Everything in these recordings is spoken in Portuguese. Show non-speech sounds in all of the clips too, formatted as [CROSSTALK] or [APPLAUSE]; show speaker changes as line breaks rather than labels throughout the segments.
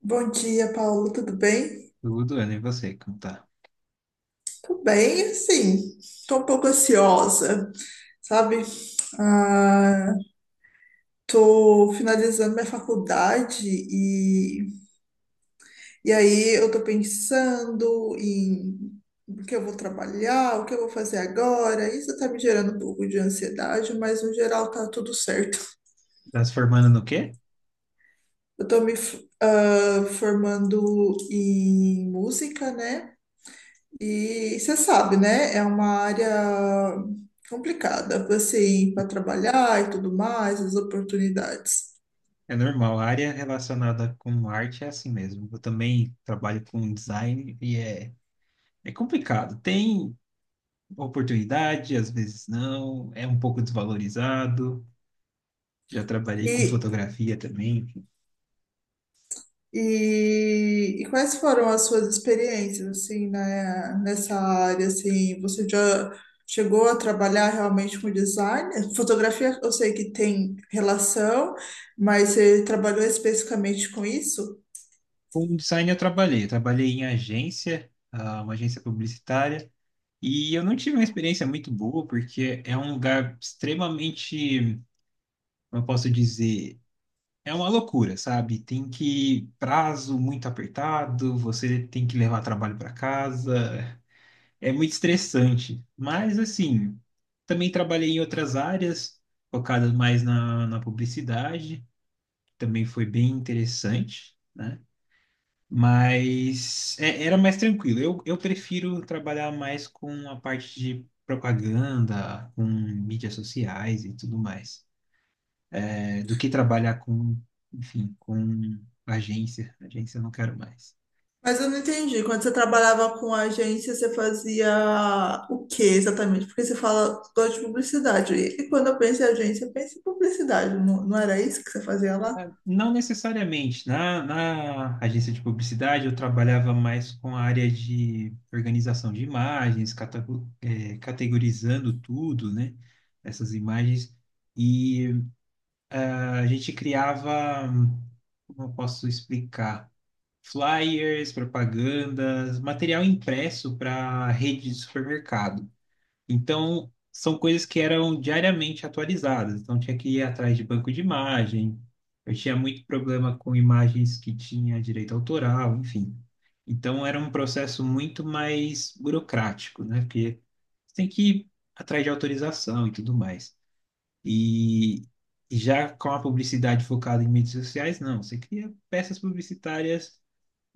Bom dia, Paulo. Tudo bem?
Tudo, Ana, e você, como tá?
Tudo bem, assim, tô um pouco ansiosa, sabe? Ah, tô finalizando minha faculdade e aí eu tô pensando em o que eu vou trabalhar, o que eu vou fazer agora. Isso tá me gerando um pouco de ansiedade, mas no geral tá tudo certo.
Tá se formando no quê?
Eu tô me formando em música, né? E você sabe, né? É uma área complicada você ir para trabalhar e tudo mais, as oportunidades.
É normal, a área relacionada com arte é assim mesmo. Eu também trabalho com design e é complicado. Tem oportunidade, às vezes não, é um pouco desvalorizado. Já trabalhei com
E,
fotografia também, enfim.
e quais foram as suas experiências, assim, na nessa área, assim, você já chegou a trabalhar realmente com design? Fotografia, eu sei que tem relação, mas você trabalhou especificamente com isso?
Com design eu trabalhei em agência, uma agência publicitária, e eu não tive uma experiência muito boa, porque é um lugar extremamente, como eu posso dizer? É uma loucura, sabe? Tem que prazo muito apertado, você tem que levar trabalho para casa. É muito estressante. Mas assim, também trabalhei em outras áreas, focado mais na publicidade, também foi bem interessante, né? Mas era mais tranquilo. Eu prefiro trabalhar mais com a parte de propaganda, com mídias sociais e tudo mais é, do que trabalhar com, enfim, com agência. Agência eu não quero mais.
Mas eu não entendi. Quando você trabalhava com agência, você fazia o que exatamente? Porque você fala, gosto de publicidade. E quando eu penso em agência, eu penso em publicidade. Não, não era isso que você fazia lá?
Não necessariamente. Na agência de publicidade, eu trabalhava mais com a área de organização de imagens, categorizando tudo, né? Essas imagens. E a gente criava, como eu posso explicar? Flyers, propagandas, material impresso para rede de supermercado. Então, são coisas que eram diariamente atualizadas. Então, tinha que ir atrás de banco de imagem. Eu tinha muito problema com imagens que tinha direito autoral, enfim. Então, era um processo muito mais burocrático, né? Porque você tem que ir atrás de autorização e tudo mais. E e já com a publicidade focada em mídias sociais, não. Você cria peças publicitárias,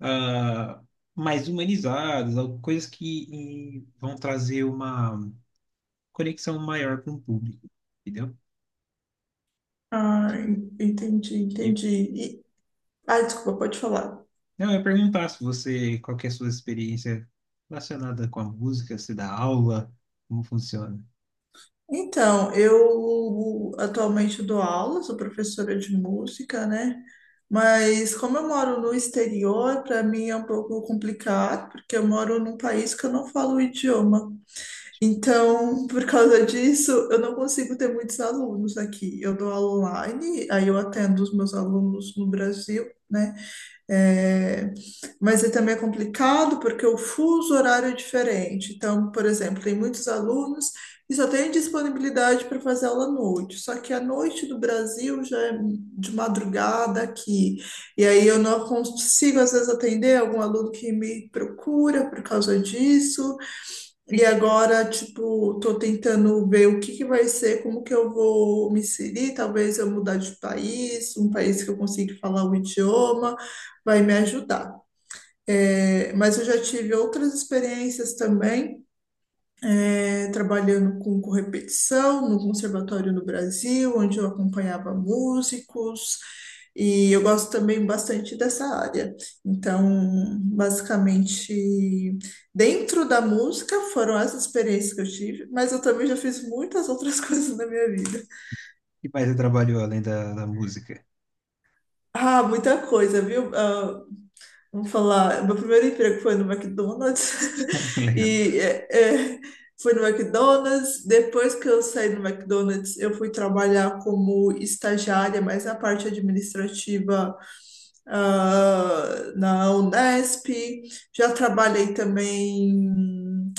ah, mais humanizadas, coisas que vão trazer uma conexão maior com o público, entendeu?
Ah, entendi,
E
entendi. E- desculpa, pode falar.
não, eu ia perguntar se você, qual que é a sua experiência relacionada com a música, se dá aula, como funciona
Então, eu atualmente dou aula, sou professora de música, né? Mas como eu moro no exterior, para mim é um pouco complicado, porque eu moro num país que eu não falo o idioma.
isso.
Então, por causa disso, eu não consigo ter muitos alunos aqui. Eu dou aula online, aí eu atendo os meus alunos no Brasil, né? É, mas aí também é complicado porque o fuso horário é diferente. Então, por exemplo, tem muitos alunos e só tem disponibilidade para fazer aula à noite. Só que a noite do Brasil já é de madrugada aqui. E aí eu não consigo, às vezes, atender algum aluno que me procura por causa disso. E agora, tipo, tô tentando ver o que que vai ser, como que eu vou me inserir, talvez eu mudar de país, um país que eu consiga falar o idioma, vai me ajudar. É, mas eu já tive outras experiências também é, trabalhando com correpetição no conservatório no Brasil, onde eu acompanhava músicos, e eu gosto também bastante dessa área. Então, basicamente, dentro da música foram essas experiências que eu tive, mas eu também já fiz muitas outras [LAUGHS] coisas na minha vida.
E mais você trabalhou além da música?
Ah, muita coisa, viu? Vamos falar, meu primeiro emprego foi no McDonald's
[LAUGHS]
[LAUGHS]
Legal,
e é, é, foi no McDonald's. Depois que eu saí do McDonald's, eu fui trabalhar como estagiária, mas na parte administrativa, na Unesp. Já trabalhei também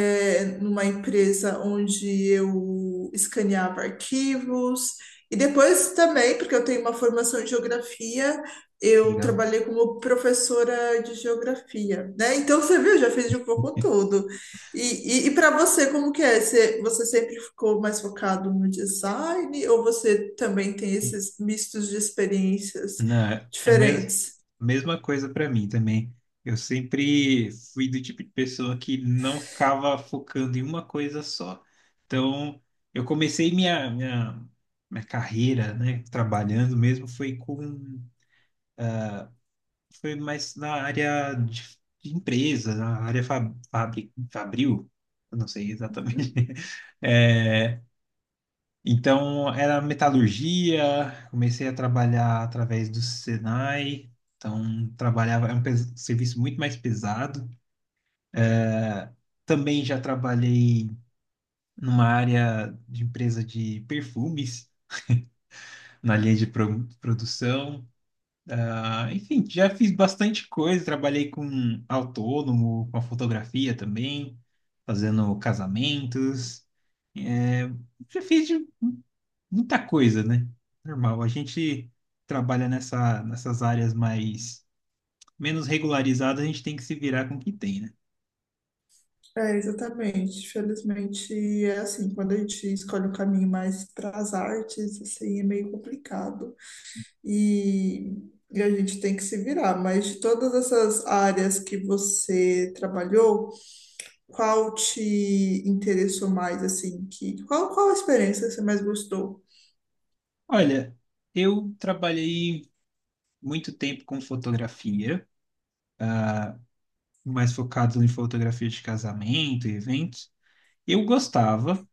é, numa empresa onde eu escaneava arquivos. E depois também, porque eu tenho uma formação em geografia, eu
legal.
trabalhei como professora de geografia, né? Então você viu, eu já fiz de um pouco tudo. E para você, como que é? Você sempre ficou mais focado no design ou você também tem esses mistos de experiências
Não, é a
diferentes?
mesma coisa para mim também. Eu sempre fui do tipo de pessoa que não ficava focando em uma coisa só. Então, eu comecei minha carreira, né, trabalhando mesmo, foi com foi mais na área de empresa, na área fabril, eu não sei exatamente.
Uhum.
[LAUGHS] É, então, era metalurgia, comecei a trabalhar através do Senai, então trabalhava, é um serviço muito mais pesado. É, Também já trabalhei numa área de empresa de perfumes, na linha de produção. Enfim, já fiz bastante coisa, trabalhei com autônomo, com a fotografia também, fazendo casamentos, é, já fiz de muita coisa, né? Normal, a gente trabalha nessas áreas mais menos regularizadas, a gente tem que se virar com o que tem, né?
É, exatamente. Felizmente é assim, quando a gente escolhe um caminho mais para as artes, assim, é meio complicado e, e a gente tem que se virar. Mas de todas essas áreas que você trabalhou, qual te interessou mais, assim, que qual, qual a experiência que você mais gostou?
Olha, eu trabalhei muito tempo com fotografia, mais focado em fotografia de casamento e eventos. Eu gostava.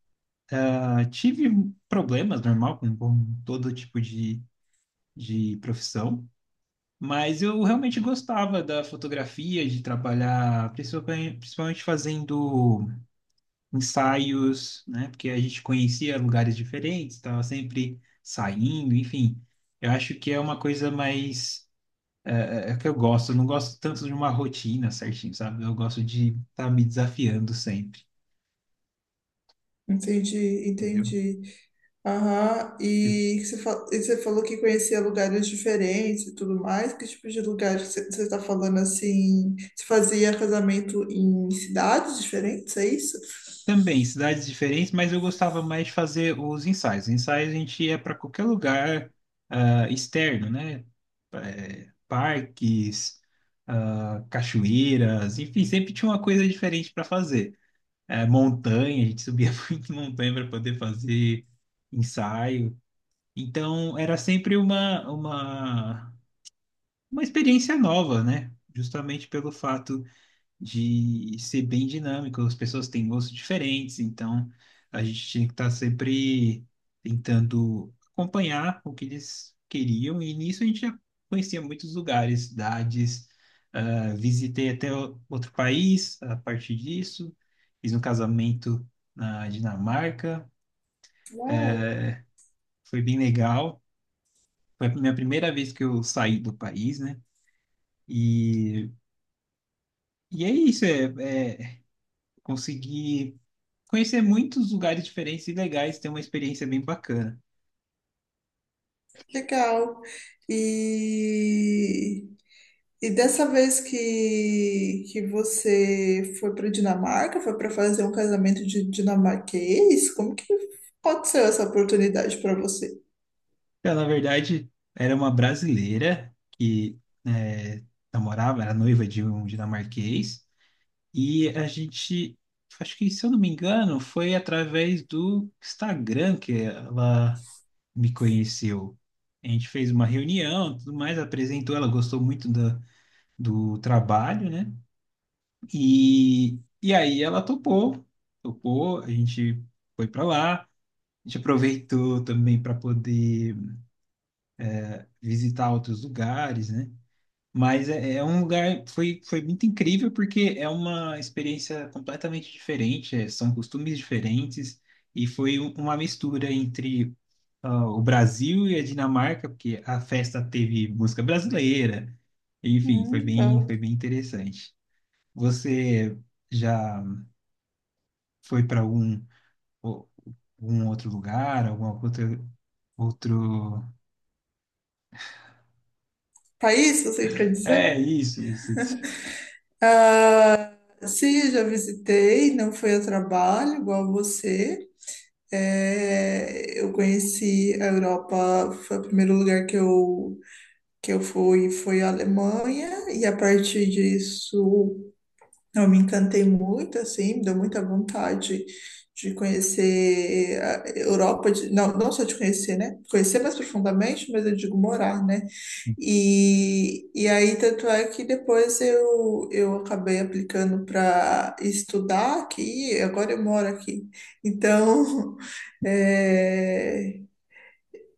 Ah, tive problemas, normal, com todo tipo de profissão, mas eu realmente gostava da fotografia, de trabalhar, principalmente fazendo ensaios, né? Porque a gente conhecia lugares diferentes, estava sempre saindo, enfim. Eu acho que é uma coisa mais. É que eu gosto, eu não gosto tanto de uma rotina certinho, sabe? Eu gosto de estar me desafiando sempre,
Entendi,
entendeu?
entendi. Aham. E, e você falou que conhecia lugares diferentes e tudo mais. Que tipo de lugares que você está falando assim? Você fazia casamento em cidades diferentes, é isso?
Também, cidades diferentes, mas eu gostava mais de fazer os ensaios. Ensaios a gente ia para qualquer lugar externo, né? Parques, cachoeiras, enfim, sempre tinha uma coisa diferente para fazer. Montanha, a gente subia [LAUGHS] muito montanha para poder fazer ensaio. Então, era sempre uma experiência nova, né? Justamente pelo fato de ser bem dinâmico. As pessoas têm gostos diferentes, então a gente tinha que estar sempre tentando acompanhar o que eles queriam, e nisso a gente já conhecia muitos lugares, cidades. Ah, visitei até outro país a partir disso, fiz um casamento na Dinamarca,
Uau,
foi bem legal. Foi a minha primeira vez que eu saí do país, né? E, e é isso, é, é consegui conhecer muitos lugares diferentes e legais, ter uma experiência bem bacana.
legal. E, e dessa vez que você foi para Dinamarca, foi para fazer um casamento de dinamarquês? Como que aconteceu essa oportunidade para você?
Ela, na verdade, era uma brasileira que é, namorava, era noiva de um dinamarquês, e a gente, acho que, se eu não me engano, foi através do Instagram que ela me conheceu. A gente fez uma reunião, tudo mais, apresentou, ela gostou muito do, do trabalho, né? E aí ela topou, topou, a gente foi para lá, a gente aproveitou também para poder visitar outros lugares, né? Mas é um lugar, foi muito incrível porque é uma experiência completamente diferente, são costumes diferentes e foi uma mistura entre o Brasil e a Dinamarca, porque a festa teve música brasileira, enfim, foi
Legal.
bem interessante. Você já foi para o- algum outro lugar, alguma outra, outro?
País, você quer
É,
dizer?
isso, isso, isso.
Ah, sim, já visitei, não foi a trabalho, igual você. É, eu conheci a Europa, foi o primeiro lugar que eu fui, foi a Alemanha, e a partir disso. Eu me encantei muito, assim, deu muita vontade de conhecer a Europa, não, não só de conhecer, né? Conhecer mais profundamente, mas eu digo morar, né? E aí, tanto é que depois eu acabei aplicando para estudar aqui, e agora eu moro aqui. Então, [LAUGHS] é,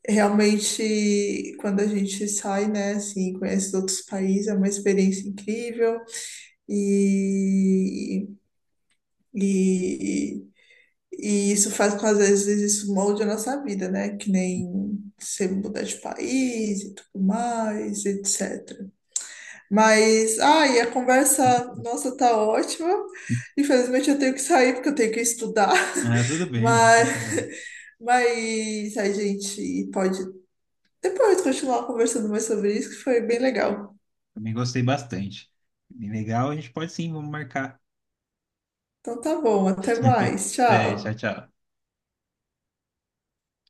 realmente, quando a gente sai, né, assim, conhece outros países, é uma experiência incrível. E e, e isso faz com que, às vezes, isso molde a nossa vida, né? Que nem você mudar de país e tudo mais, etc. Mas, ai, a conversa, nossa, tá ótima. Infelizmente, eu tenho que sair porque eu tenho que estudar.
Ah, tudo
[LAUGHS]
bem, não, sem
Mas,
problema.
mas a gente pode depois continuar conversando mais sobre isso, que foi bem legal.
Também gostei bastante. Bem legal, a gente pode sim, vamos marcar.
Então, tá bom, até mais.
Até, tchau,
Tchau.
tchau.